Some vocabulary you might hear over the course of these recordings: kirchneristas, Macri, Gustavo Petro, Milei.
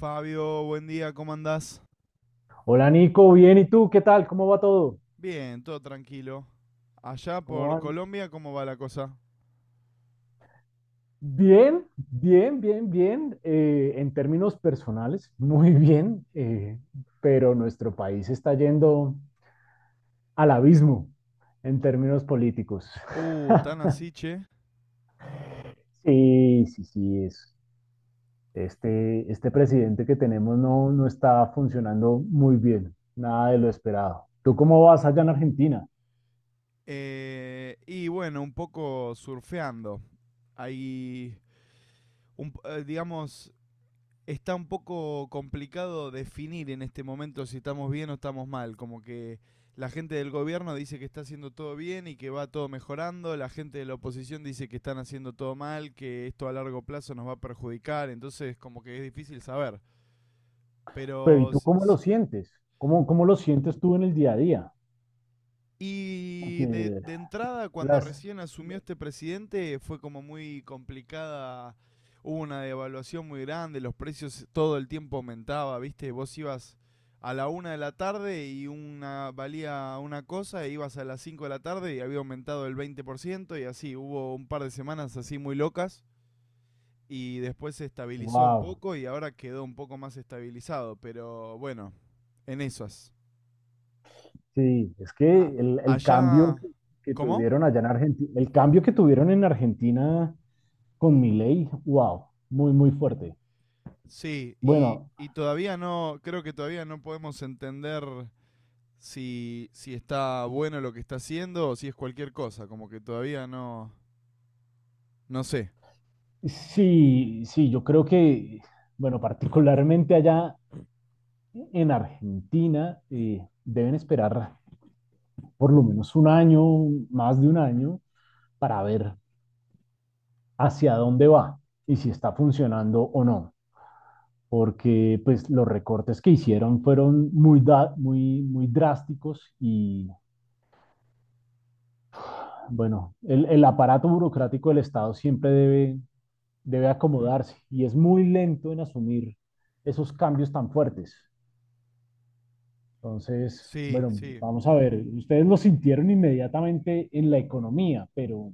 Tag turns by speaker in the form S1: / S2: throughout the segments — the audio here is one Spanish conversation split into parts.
S1: Fabio, buen día, ¿cómo andás?
S2: Hola Nico, bien, ¿y tú? ¿Qué tal? ¿Cómo va todo?
S1: Bien, todo tranquilo. Allá
S2: ¿Cómo
S1: por
S2: van?
S1: Colombia, ¿cómo va la cosa?
S2: Bien, bien, bien, bien. En términos personales, muy bien, pero nuestro país está yendo al abismo en términos políticos.
S1: Tan así, che.
S2: Sí, sí, sí, es. Este presidente que tenemos no está funcionando muy bien, nada de lo esperado. ¿Tú cómo vas allá en Argentina?
S1: Y bueno, un poco surfeando. Hay, un digamos, está un poco complicado definir en este momento si estamos bien o estamos mal. Como que la gente del gobierno dice que está haciendo todo bien y que va todo mejorando. La gente de la oposición dice que están haciendo todo mal, que esto a largo plazo nos va a perjudicar. Entonces, como que es difícil saber.
S2: Pero ¿y
S1: Pero.
S2: tú cómo lo sientes? ¿Cómo, cómo lo sientes tú en el día a día?
S1: Y de,
S2: Porque
S1: de entrada, cuando
S2: las,
S1: recién asumió este presidente, fue como muy complicada. Hubo una devaluación muy grande, los precios todo el tiempo aumentaba, ¿viste? Vos ibas a la 1 de la tarde y una valía una cosa, e ibas a las 5 de la tarde y había aumentado el 20% y así. Hubo un par de semanas así muy locas y después se estabilizó un
S2: wow,
S1: poco y ahora quedó un poco más estabilizado, pero bueno, en esas.
S2: sí, es que
S1: a-
S2: el cambio
S1: Allá...
S2: que
S1: ¿Cómo?
S2: tuvieron allá en Argentina, el cambio que tuvieron en Argentina con Milei, wow, muy, muy fuerte.
S1: Sí, y,
S2: Bueno,
S1: y todavía no, creo que todavía no podemos entender si, si está bueno lo que está haciendo o si es cualquier cosa, como que todavía no, no sé.
S2: sí, sí, yo creo que, bueno, particularmente allá en Argentina, deben esperar por lo menos un año, más de un año, para ver hacia dónde va y si está funcionando o no. Porque pues los recortes que hicieron fueron muy, muy drásticos y bueno, el aparato burocrático del Estado siempre debe acomodarse y es muy lento en asumir esos cambios tan fuertes. Entonces,
S1: Sí,
S2: bueno,
S1: sí.
S2: vamos a ver, ustedes lo sintieron inmediatamente en la economía, pero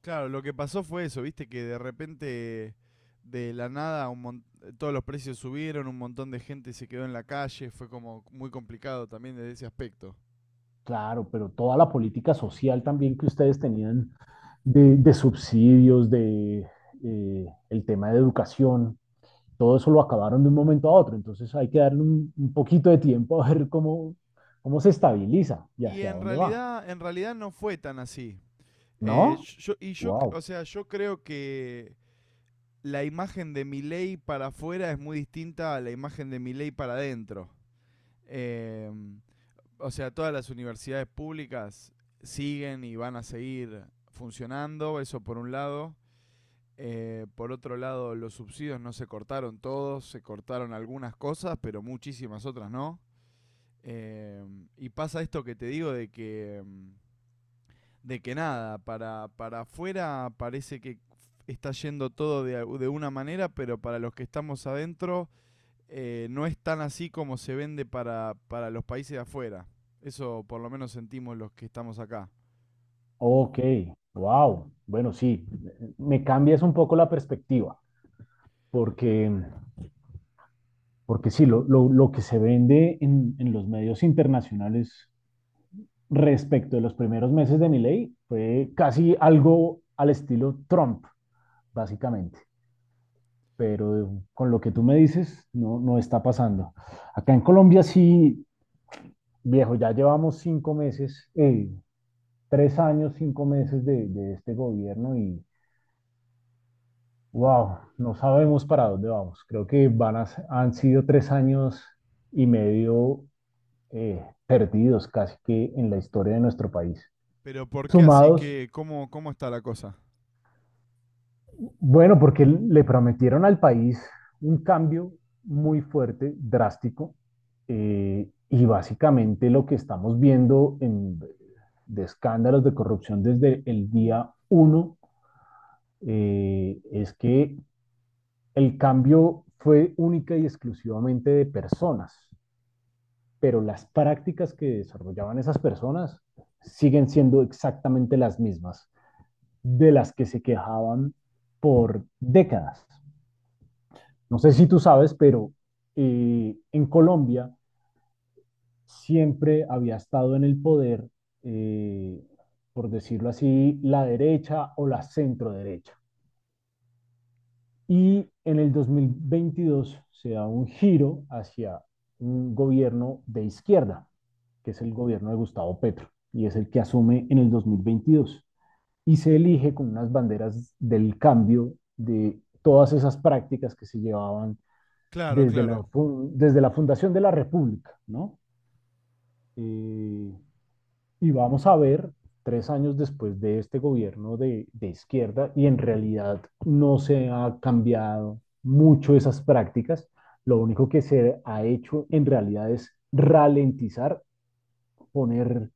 S1: Claro, lo que pasó fue eso, viste, que de repente, de la nada, todos los precios subieron, un montón de gente se quedó en la calle, fue como muy complicado también desde ese aspecto.
S2: claro, pero toda la política social también que ustedes tenían de subsidios, de el tema de educación, todo eso lo acabaron de un momento a otro, entonces hay que darle un poquito de tiempo a ver cómo se estabiliza y
S1: Y
S2: hacia dónde va,
S1: en realidad no fue tan así.
S2: ¿no?
S1: O
S2: Wow,
S1: sea, yo creo que la imagen de Milei para afuera es muy distinta a la imagen de Milei para adentro. Eh, o sea, todas las universidades públicas siguen y van a seguir funcionando, eso por un lado. Por otro lado, los subsidios no se cortaron todos, se cortaron algunas cosas, pero muchísimas otras no. Eh, y pasa esto que te digo de que nada, para afuera parece que está yendo todo de una manera, pero para los que estamos adentro no es tan así como se vende para los países de afuera. Eso por lo menos sentimos los que estamos acá.
S2: ok, wow. Bueno, sí, me cambias un poco la perspectiva, porque, porque sí, lo que se vende en los medios internacionales respecto de los primeros meses de mi ley fue casi algo al estilo Trump, básicamente. Pero con lo que tú me dices, no, no está pasando. Acá en Colombia sí, viejo, ya llevamos 5 meses, 3 años, 5 meses de este gobierno y wow, no sabemos para dónde vamos. Creo que han sido 3 años y medio eh, perdidos casi que en la historia de nuestro país.
S1: Pero ¿por qué así?
S2: Sumados,
S1: ¿Qué, cómo? ¿Cómo está la cosa?
S2: bueno, porque le prometieron al país un cambio muy fuerte, drástico, y básicamente lo que estamos viendo en, de escándalos de corrupción desde el día uno, es que el cambio fue única y exclusivamente de personas, pero las prácticas que desarrollaban esas personas siguen siendo exactamente las mismas de las que se quejaban por décadas. No sé si tú sabes, pero en Colombia siempre había estado en el poder, eh, por decirlo así, la derecha o la centro derecha. Y en el 2022 se da un giro hacia un gobierno de izquierda, que es el gobierno de Gustavo Petro, y es el que asume en el 2022. Y se elige con unas banderas del cambio de todas esas prácticas que se llevaban
S1: Claro,
S2: desde
S1: claro.
S2: la, desde la fundación de la República, ¿no? Eh, y vamos a ver, 3 años después de este gobierno de izquierda, y en realidad no se ha cambiado mucho esas prácticas, lo único que se ha hecho en realidad es ralentizar, poner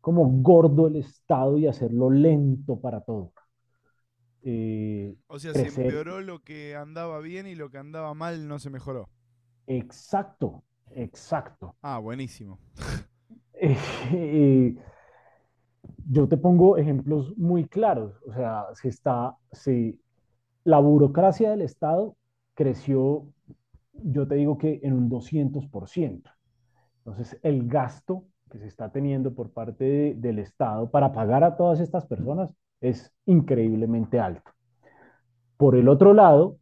S2: como gordo el Estado y hacerlo lento para todo. Eh,
S1: O sea, se
S2: crecer,
S1: empeoró lo que andaba bien y lo que andaba mal no se mejoró.
S2: exacto, exacto.
S1: Ah, buenísimo.
S2: Eh, eh, Yo te pongo ejemplos muy claros, o sea, se está, se, la burocracia del Estado creció, yo te digo que en un 200%. Entonces, el gasto que se está teniendo por parte de, del Estado para pagar a todas estas personas es increíblemente alto. Por el otro lado,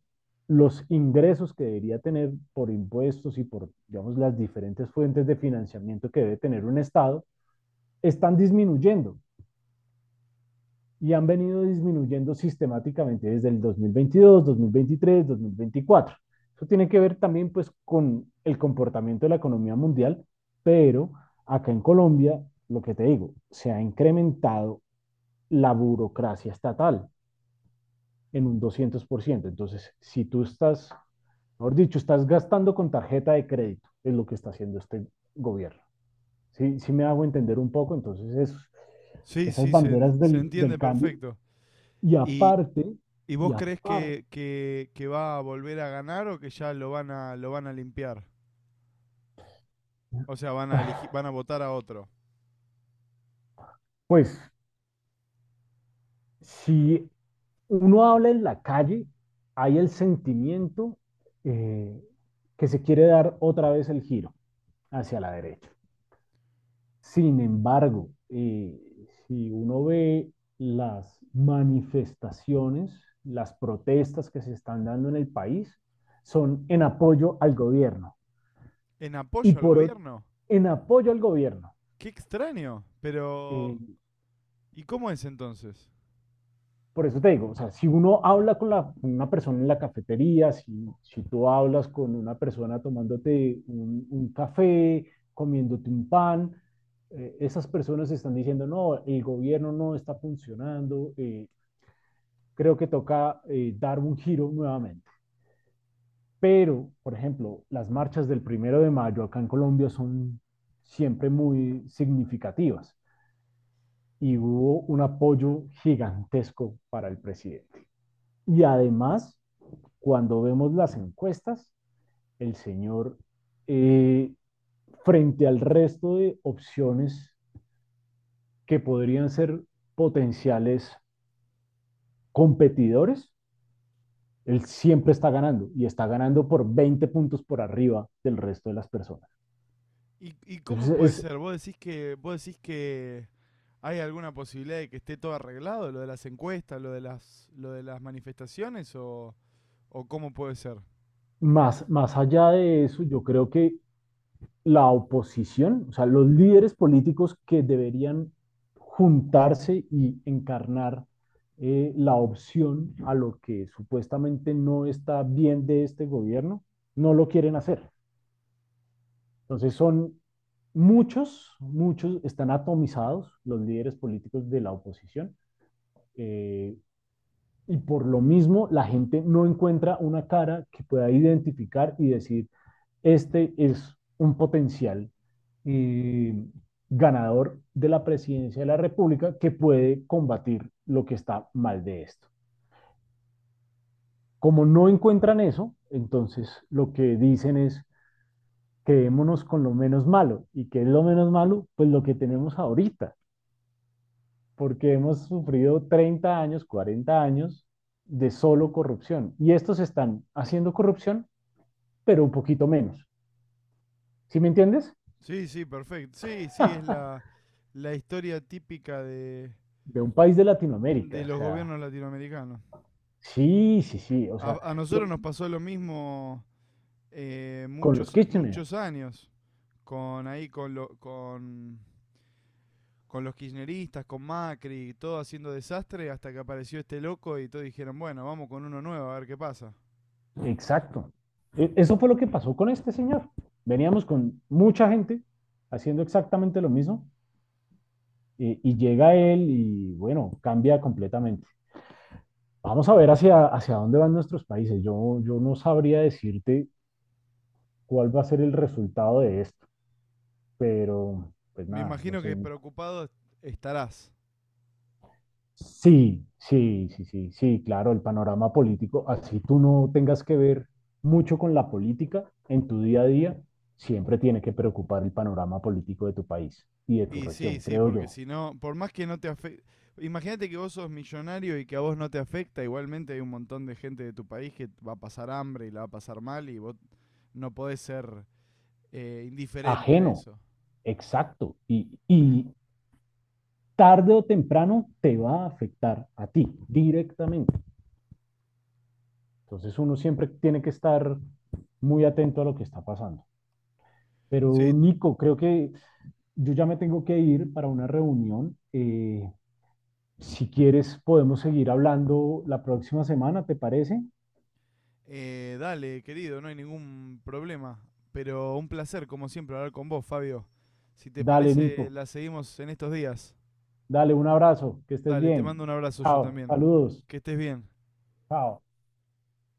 S2: los ingresos que debería tener por impuestos y por, digamos, las diferentes fuentes de financiamiento que debe tener un Estado están disminuyendo y han venido disminuyendo sistemáticamente desde el dos mil veintidós, 2023, 2024. Eso tiene que ver también pues con el comportamiento de la economía mundial, pero acá en Colombia, lo que te digo, se ha incrementado la burocracia estatal en un 200%. Entonces, si tú estás, mejor dicho, estás gastando con tarjeta de crédito, es lo que está haciendo este gobierno. Si me hago entender un poco, entonces es,
S1: Sí,
S2: esas
S1: sí, se,
S2: banderas
S1: se
S2: del,
S1: entiende
S2: del cambio.
S1: perfecto.
S2: Y
S1: ¿Y,
S2: aparte,
S1: y
S2: y
S1: vos crees
S2: aparte,
S1: que, que va a volver a ganar o que ya lo van a limpiar? O sea, van a, elegir, van a votar a otro.
S2: pues si uno habla en la calle, hay el sentimiento eh, que se quiere dar otra vez el giro hacia la derecha. Sin embargo, si uno ve las manifestaciones, las protestas que se están dando en el país, son en apoyo al gobierno.
S1: ¿En
S2: Y
S1: apoyo al
S2: por ot-
S1: gobierno?
S2: en apoyo al gobierno.
S1: Qué extraño.
S2: Eh,
S1: Pero, ¿y cómo es entonces?
S2: por eso te digo, o sea, si uno habla con una persona en la cafetería, si tú hablas con una persona tomándote un café, comiéndote un pan, esas personas están diciendo, no, el gobierno no está funcionando, creo que toca, dar un giro nuevamente. Pero, por ejemplo, las marchas del 1.º de mayo acá en Colombia son siempre muy significativas y hubo un apoyo gigantesco para el presidente. Y además, cuando vemos las encuestas, el señor, eh, frente al resto de opciones que podrían ser potenciales competidores, él siempre está ganando y está ganando por 20 puntos por arriba del resto de las personas.
S1: Y cómo
S2: Entonces,
S1: puede
S2: es
S1: ser? Vos decís que hay alguna posibilidad de que esté todo arreglado, lo de las encuestas, lo de las manifestaciones o... ¿O cómo puede ser?
S2: más, más allá de eso, yo creo que la oposición, o sea, los líderes políticos que deberían juntarse y encarnar, la opción a lo que supuestamente no está bien de este gobierno, no lo quieren hacer. Entonces son muchos, muchos están atomizados los líderes políticos de la oposición, eh, y por lo mismo la gente no encuentra una cara que pueda identificar y decir, este es un potencial, eh, ganador de la presidencia de la República que puede combatir lo que está mal de esto. Como no encuentran eso, entonces lo que dicen es quedémonos con lo menos malo. ¿Y qué es lo menos malo? Pues lo que tenemos ahorita, porque hemos sufrido 30 años, 40 años de solo corrupción. Y estos están haciendo corrupción, pero un poquito menos. ¿Sí me entiendes?
S1: Sí, sí, perfecto. Sí, sí, es la, la historia típica
S2: De un país de Latinoamérica,
S1: de
S2: o
S1: los
S2: sea,
S1: gobiernos latinoamericanos.
S2: sí, sí, sí. O sea,
S1: A
S2: yo-
S1: nosotros nos pasó lo mismo
S2: con los
S1: muchos,
S2: Kitchener,
S1: muchos años con ahí con los kirchneristas, con Macri, todo haciendo desastre hasta que apareció este loco y todos dijeron, bueno, vamos con uno nuevo a ver qué pasa.
S2: exacto. Eso fue lo que pasó con este señor. Veníamos con mucha gente haciendo exactamente lo mismo, y llega él y bueno, cambia completamente. Vamos a ver hacia, hacia dónde van nuestros países. Yo no sabría decirte cuál va a ser el resultado de esto, pero pues
S1: Me
S2: nada, no
S1: imagino
S2: sé,
S1: que preocupado estarás.
S2: sí, sí, sí, sí, sí, claro, el panorama político, así tú no tengas que ver mucho con la política en tu día a día, siempre tiene que preocupar el panorama político de tu país y de tu
S1: Y sí,
S2: región,
S1: sí,
S2: creo
S1: porque
S2: yo.
S1: si no, por más que no te afecte, imagínate que vos sos millonario y que a vos no te afecta, igualmente hay un montón de gente de tu país que va a pasar hambre y la va a pasar mal y vos no podés ser indiferente a
S2: Ajeno,
S1: eso.
S2: exacto, y tarde o temprano te va a afectar a ti directamente. Entonces uno siempre tiene que estar muy atento a lo que está pasando. Pero
S1: Sí,
S2: Nico, creo que yo ya me tengo que ir para una reunión. Si quieres, podemos seguir hablando la próxima semana, ¿te parece?
S1: dale, querido, no hay ningún problema, pero un placer, como siempre, hablar con vos, Fabio. Si te
S2: Dale,
S1: parece,
S2: Nico.
S1: la seguimos en estos días.
S2: Dale un abrazo. Que estés
S1: Dale, te mando
S2: bien.
S1: un abrazo yo
S2: Chao.
S1: también.
S2: Saludos.
S1: Que estés bien.
S2: Chao.